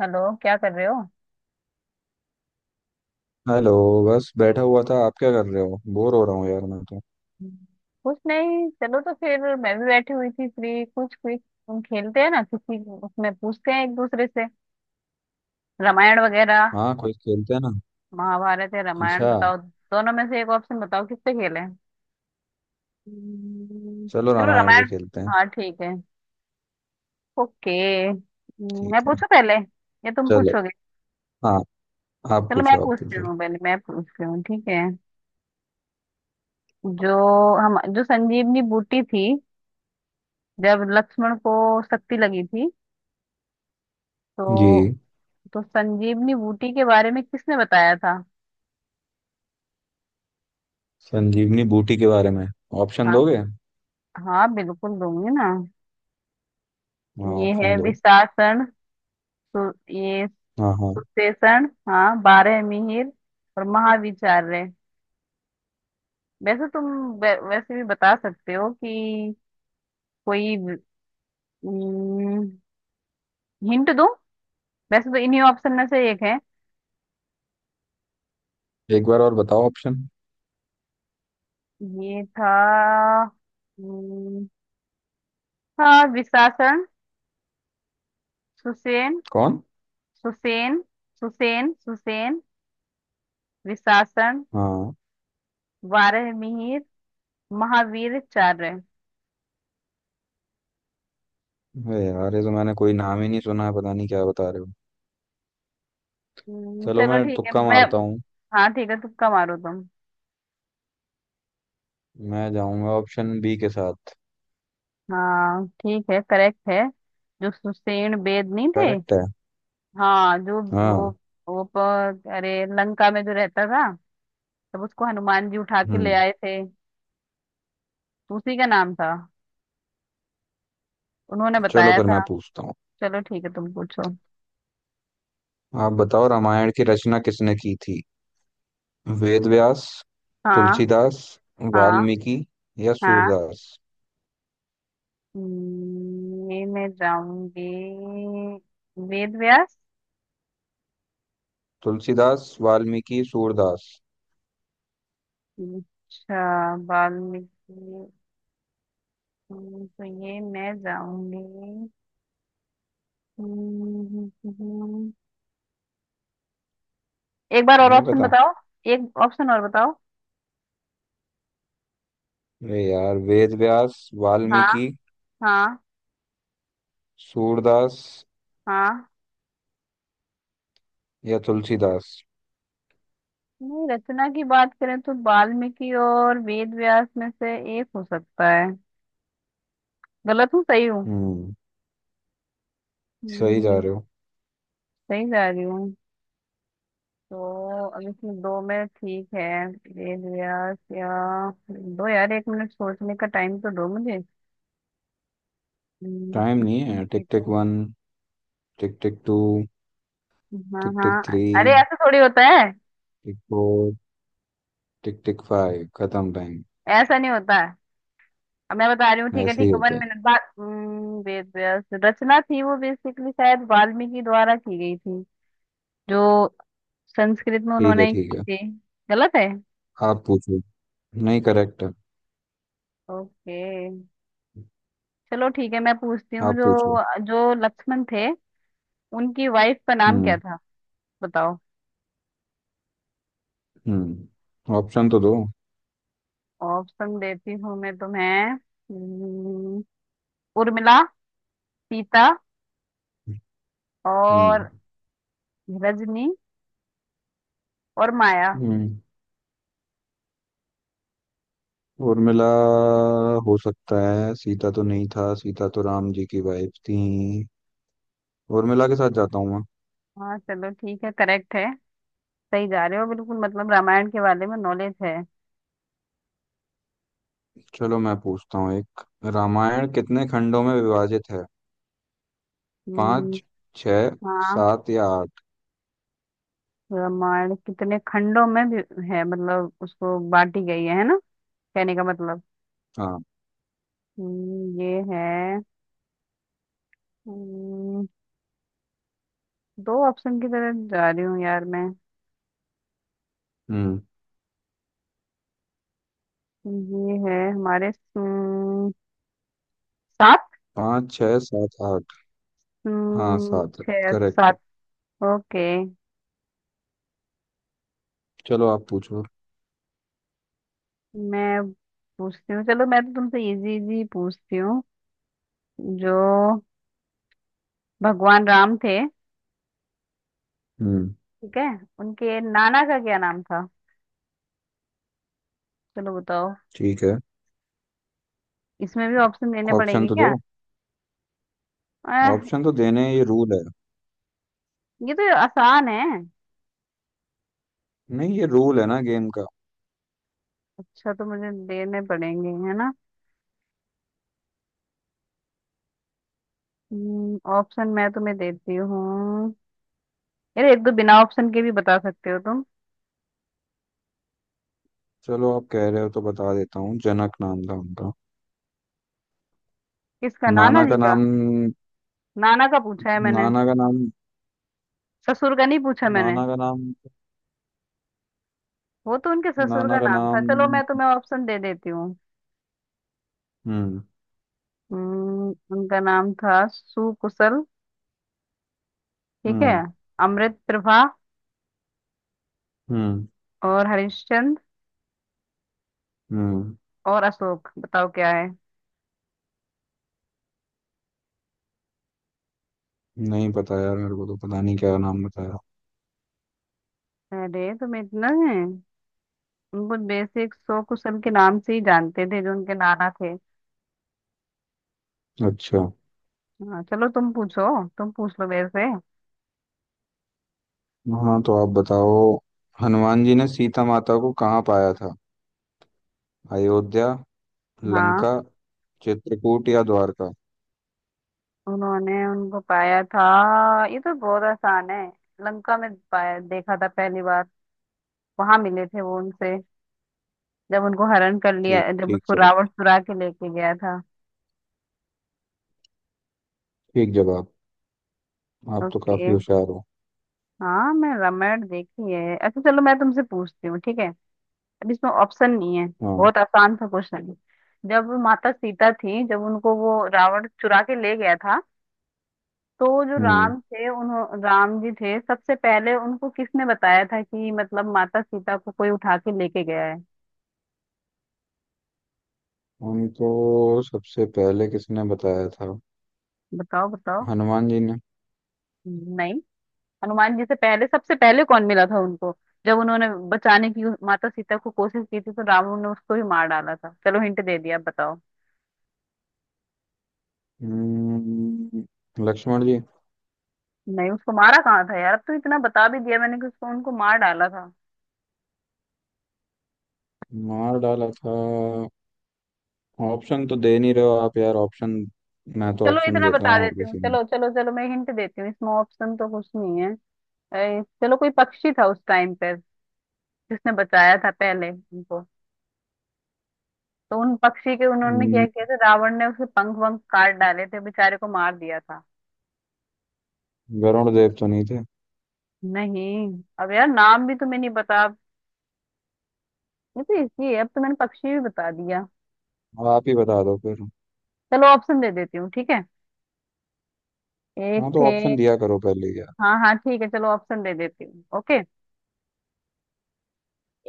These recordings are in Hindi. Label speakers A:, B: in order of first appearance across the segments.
A: हेलो, क्या कर रहे हो।
B: हेलो। बस बैठा हुआ था। आप क्या कर रहे हो? बोर हो रहा हूँ यार मैं तो।
A: कुछ नहीं, चलो तो फिर मैं भी बैठी हुई थी फ्री। कुछ क्विज हम खेलते हैं ना, किसी उसमें पूछते हैं एक दूसरे से। रामायण वगैरह।
B: हाँ, कोई खेलते हैं ना।
A: महाभारत या रामायण
B: अच्छा।
A: बताओ, दोनों में से एक ऑप्शन बताओ किस पे खेलें। हम्म,
B: चलो
A: चलो
B: रामायण पे
A: रामायण।
B: खेलते हैं।
A: हाँ ठीक है। ओके।
B: ठीक
A: मैं
B: है।
A: पूछूं पहले या तुम
B: चलो।
A: पूछोगे?
B: हाँ, आप
A: चलो मैं
B: पूछो आप
A: पूछती
B: पूछो।
A: हूँ, पहले मैं पूछती हूँ, ठीक है। जो हम, जो संजीवनी बूटी थी, जब लक्ष्मण को शक्ति लगी थी तो
B: जी।
A: तो संजीवनी बूटी के बारे में किसने बताया था?
B: संजीवनी बूटी के बारे में। ऑप्शन
A: हाँ,
B: दोगे?
A: हाँ बिल्कुल दूंगी ना।
B: हाँ,
A: ये
B: ऑप्शन
A: है
B: दो।
A: विशासन, सु, ये
B: हाँ हाँ।
A: सुशेषण, हाँ बारह मिहिर और महाविचार्य। वैसे तुम वैसे भी बता सकते हो कि, कोई हिंट दूं? वैसे तो इन्हीं ऑप्शन में से एक है।
B: एक बार और बताओ ऑप्शन।
A: ये था। हम्म, हाँ विशासन, सुसेन
B: कौन?
A: सुसेन, सुसेन सुसेन विशासन,
B: हाँ।
A: बारह मिहिर, महावीर चार है।
B: अरे यार, ये तो मैंने कोई नाम ही नहीं सुना है, पता नहीं क्या बता रहे हो। चलो
A: चलो
B: मैं
A: ठीक है
B: तुक्का
A: मैं।
B: मारता हूँ।
A: हाँ ठीक है, तुक्का मारो तुम।
B: मैं जाऊंगा ऑप्शन बी के साथ।
A: हाँ ठीक है, करेक्ट है। जो सुषेण बेद नहीं थे।
B: करेक्ट है।
A: हाँ, जो वो,
B: हाँ।
A: अरे लंका में जो रहता था, तब उसको हनुमान जी उठा के ले
B: हम्म।
A: आए थे, तो उसी का नाम था, उन्होंने
B: चलो
A: बताया
B: फिर मैं
A: था।
B: पूछता हूँ।
A: चलो ठीक है, तुम पूछो।
B: आप बताओ, रामायण की रचना किसने की थी? वेद व्यास,
A: हाँ।
B: तुलसीदास,
A: हाँ।
B: वाल्मीकि या
A: हाँ।
B: सूरदास?
A: ये मैं जाऊंगी वेद व्यास।
B: तुलसीदास, वाल्मीकि, सूरदास।
A: अच्छा वाल्मीकि। तो ये मैं जाऊंगी। हम्म, हम्म, हम्म। एक बार और
B: नहीं
A: ऑप्शन
B: पता।
A: बताओ। एक ऑप्शन और बताओ।
B: अरे यार, वेद व्यास,
A: हाँ।
B: वाल्मीकि,
A: हाँ।
B: सूरदास
A: हाँ।
B: या तुलसीदास।
A: नहीं, रचना की बात करें तो वाल्मीकि और वेद व्यास में से एक हो सकता है। गलत हूँ, सही हूँ?
B: हम्म। सही जा
A: हम्म,
B: रहे हो।
A: सही जा रही हूँ। तो अब इसमें दो में, ठीक है, वेद व्यास या। दो यार, 1 मिनट सोचने का टाइम तो दो मुझे।
B: टाइम नहीं है। टिक
A: ठीक
B: टिक
A: है।
B: वन। Tick tick two.
A: हाँ
B: टिक टिक
A: हाँ,
B: थ्री।
A: अरे ऐसा थोड़ी होता है।
B: Tick four. Tick tick five, खत्म टाइम।
A: ऐसा नहीं होता है, अब मैं बता रही हूँ। ठीक है
B: ऐसे ही
A: ठीक है, वन
B: होता है।
A: मिनट बाद वेद व्यास रचना थी वो, बेसिकली शायद वाल्मीकि द्वारा की गई थी, जो संस्कृत में
B: ठीक है
A: उन्होंने
B: ठीक
A: की
B: है।
A: थी। गलत है।
B: आप पूछो। नहीं, करेक्ट है।
A: ओके, चलो ठीक है मैं पूछती हूँ।
B: आप पूछो।
A: जो जो लक्ष्मण थे, उनकी वाइफ का नाम क्या
B: हम्म।
A: था? बताओ।
B: ऑप्शन तो दो।
A: ऑप्शन देती हूँ मैं तुम्हें। हम्म, उर्मिला, सीता
B: हम्म।
A: और रजनी और माया।
B: हम्म। उर्मिला। हो सकता है। सीता तो नहीं था, सीता तो राम जी की वाइफ थी। उर्मिला के साथ जाता हूँ मैं।
A: हाँ चलो, ठीक है करेक्ट है। सही जा रहे हो बिल्कुल, मतलब रामायण के बारे में नॉलेज है।
B: चलो मैं पूछता हूँ एक। रामायण कितने खंडों में विभाजित है?
A: हम्म,
B: पाँच, छः,
A: हाँ।
B: सात या आठ?
A: रामायण कितने खंडों में भी है, मतलब उसको बांटी गई है ना? कहने का मतलब।
B: हाँ।
A: ये है। हम्म, दो ऑप्शन की तरफ जा रही हूँ यार मैं।
B: हम्म।
A: ये है हमारे, सात।
B: पाँच, छः, सात, आठ। हाँ, सात है
A: छः,
B: करेक्ट।
A: सात। ओके,
B: चलो आप पूछो।
A: मैं पूछती हूँ। चलो मैं तो तुमसे इजी इजी पूछती हूँ। जो भगवान राम थे,
B: हम्म।
A: ठीक है, उनके नाना का क्या नाम था? चलो बताओ।
B: ठीक है।
A: इसमें भी ऑप्शन देने
B: ऑप्शन
A: पड़ेंगे
B: तो
A: क्या?
B: दो।
A: आह,
B: ऑप्शन तो देने, ये रूल है।
A: ये तो आसान है।
B: नहीं, ये रूल है ना गेम का।
A: अच्छा, तो मुझे देने पड़ेंगे, है ना? ऑप्शन मैं तुम्हें देती हूँ। अरे एक दो बिना ऑप्शन के भी बता सकते हो तुम।
B: चलो आप कह रहे हो तो बता देता हूँ, जनक नाम था उनका।
A: किसका? नाना
B: नाना
A: जी
B: का
A: का,
B: नाम।
A: नाना का पूछा है मैंने।
B: नाना का नाम।
A: ससुर का नहीं पूछा मैंने,
B: नाना का नाम।
A: वो तो उनके ससुर का
B: नाना का
A: नाम था।
B: नाम।
A: चलो मैं तुम्हें ऑप्शन दे देती हूँ।
B: हम्म।
A: उनका नाम था सुकुशल, ठीक है,
B: हम्म।
A: अमृत प्रभा
B: हम्म।
A: और हरिश्चंद्र
B: हम्म।
A: और अशोक। बताओ क्या है?
B: नहीं पता यार, मेरे को तो पता नहीं क्या नाम बताया।
A: अरे तुम्हें इतना है। उनको बेसिक सो कुशल के नाम से ही जानते थे, जो उनके नाना थे।
B: अच्छा।
A: हाँ चलो तुम पूछो, तुम पूछ लो मेरे से।
B: हाँ तो आप बताओ, हनुमान जी ने सीता माता को कहाँ पाया था? अयोध्या,
A: हाँ,
B: लंका, चित्रकूट या द्वारका?
A: उन्होंने उनको पाया था। ये तो बहुत आसान है। लंका में पाया, देखा था पहली बार। वहां मिले थे वो उनसे, जब उनको हरण कर लिया,
B: ठीक
A: जब
B: ठीक
A: उसको
B: सर।
A: रावण चुरा के लेके गया था।
B: ठीक जवाब। आप तो काफी
A: ओके।
B: होशियार हो।
A: हाँ, मैं रामायण देखी है। अच्छा चलो, मैं तुमसे पूछती हूँ, ठीक है? अब इसमें ऑप्शन नहीं है,
B: हाँ।
A: बहुत आसान सा क्वेश्चन है। जब माता सीता थी, जब उनको वो रावण चुरा के ले गया था, तो जो
B: हम्म।
A: राम थे, उन्हों राम जी थे, सबसे पहले उनको किसने बताया था कि, मतलब, माता सीता को कोई उठा के लेके गया है?
B: उनको सबसे पहले किसने बताया था?
A: बताओ बताओ।
B: हनुमान जी ने।
A: नहीं। हनुमान जी से पहले सबसे पहले कौन मिला था उनको, जब उन्होंने बचाने की माता सीता को कोशिश की थी, तो रावण ने उसको ही मार डाला था। चलो हिंट दे दिया, अब बताओ।
B: हम्म, लक्ष्मण जी।
A: नहीं, उसको मारा कहाँ था यार, अब तो इतना बता भी दिया मैंने कि उसको, उनको मार डाला था।
B: मार डाला था? ऑप्शन तो दे नहीं रहे हो आप यार, ऑप्शन। मैं तो
A: चलो
B: ऑप्शन
A: इतना
B: देता
A: बता
B: हूँ हर
A: देती हूँ।
B: किसी में।
A: चलो चलो चलो, मैं हिंट देती हूँ। इसमें ऑप्शन तो कुछ नहीं है। चलो कोई पक्षी था उस टाइम पे, जिसने बचाया था पहले उनको। तो उन पक्षी के उन्होंने क्या
B: हम्म,
A: किया था, रावण ने उसे पंख वंख काट डाले थे, बेचारे को मार दिया था।
B: वरुण देव तो नहीं थे?
A: नहीं, अब यार नाम भी तुम्हें नहीं पता अब। ये तो इसी है, अब तो मैंने पक्षी भी बता दिया।
B: आप ही बता दो फिर।
A: चलो ऑप्शन दे देती हूँ, ठीक है। एक
B: हाँ तो
A: थे।
B: ऑप्शन दिया करो पहले यार।
A: हाँ हाँ ठीक है, चलो ऑप्शन दे देती हूँ। ओके,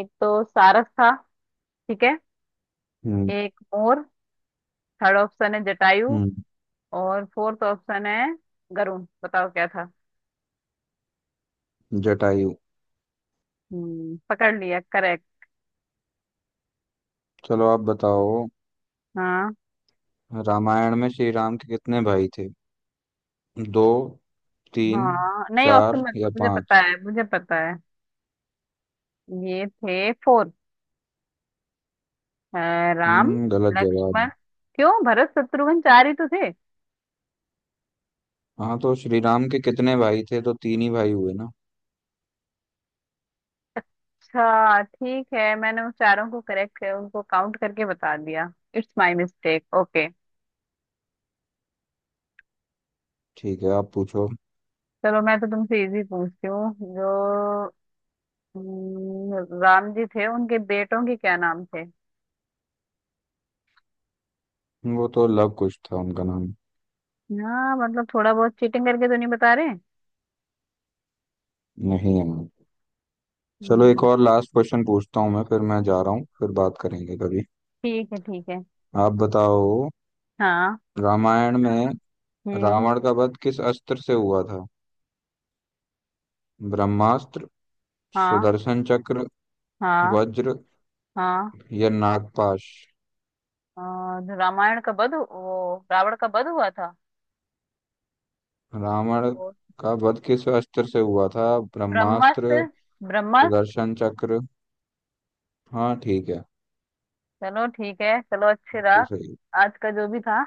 A: एक तो सारस था, ठीक है,
B: हम्म।
A: एक मोर, थर्ड ऑप्शन है जटायु,
B: हम्म।
A: और फोर्थ ऑप्शन है गरुण। बताओ क्या था?
B: जटायु।
A: हम्म, पकड़ लिया, करेक्ट।
B: चलो आप बताओ।
A: हाँ
B: रामायण में श्री राम के कितने भाई थे? दो, तीन,
A: हाँ, नहीं ऑप्शन
B: चार
A: मत दो,
B: या
A: मुझे पता
B: पांच?
A: है, मुझे पता है। ये थे फोर। राम,
B: हम्म। गलत जवाब
A: लक्ष्मण,
B: है।
A: क्यों भरत शत्रुघ्न, चार ही तो थे।
B: हाँ तो श्री राम के कितने भाई थे तो तीन ही भाई हुए ना।
A: अच्छा ठीक है, मैंने उस चारों को करेक्ट कर उनको काउंट करके बता दिया, इट्स माय मिस्टेक, ओके।
B: ठीक है, आप पूछो।
A: चलो मैं तो तुमसे इजी पूछती हूँ। जो राम जी थे, उनके बेटों के क्या नाम थे?
B: वो तो लव कुश था उनका नाम।
A: हाँ मतलब, थोड़ा बहुत चीटिंग करके तो नहीं बता रहे?
B: नहीं है। चलो एक
A: हम्म,
B: और लास्ट क्वेश्चन पूछता हूँ मैं, फिर मैं जा रहा हूँ, फिर बात करेंगे कभी।
A: ठीक है ठीक है।
B: आप बताओ,
A: हाँ।
B: रामायण में
A: हम्म।
B: रावण का वध किस अस्त्र से हुआ था? ब्रह्मास्त्र,
A: हाँ।
B: सुदर्शन चक्र,
A: हाँ।
B: वज्र
A: हाँ।
B: या नागपाश?
A: और रामायण का वध वो रावण का वध हुआ था।
B: रावण
A: वो
B: का वध किस अस्त्र से हुआ था?
A: ब्रह्मास्त्र,
B: ब्रह्मास्त्र,
A: ब्रह्मास्त्र।
B: सुदर्शन चक्र। हाँ ठीक है।
A: चलो ठीक है, चलो अच्छी
B: बिल्कुल
A: रहा
B: सही।
A: आज का जो भी था।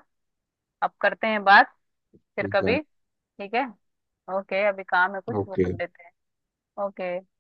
A: अब करते हैं बात फिर
B: ठीक है।
A: कभी। ठीक है। ओके, अभी काम है कुछ, वो
B: ओके।
A: कर लेते हैं। ओके।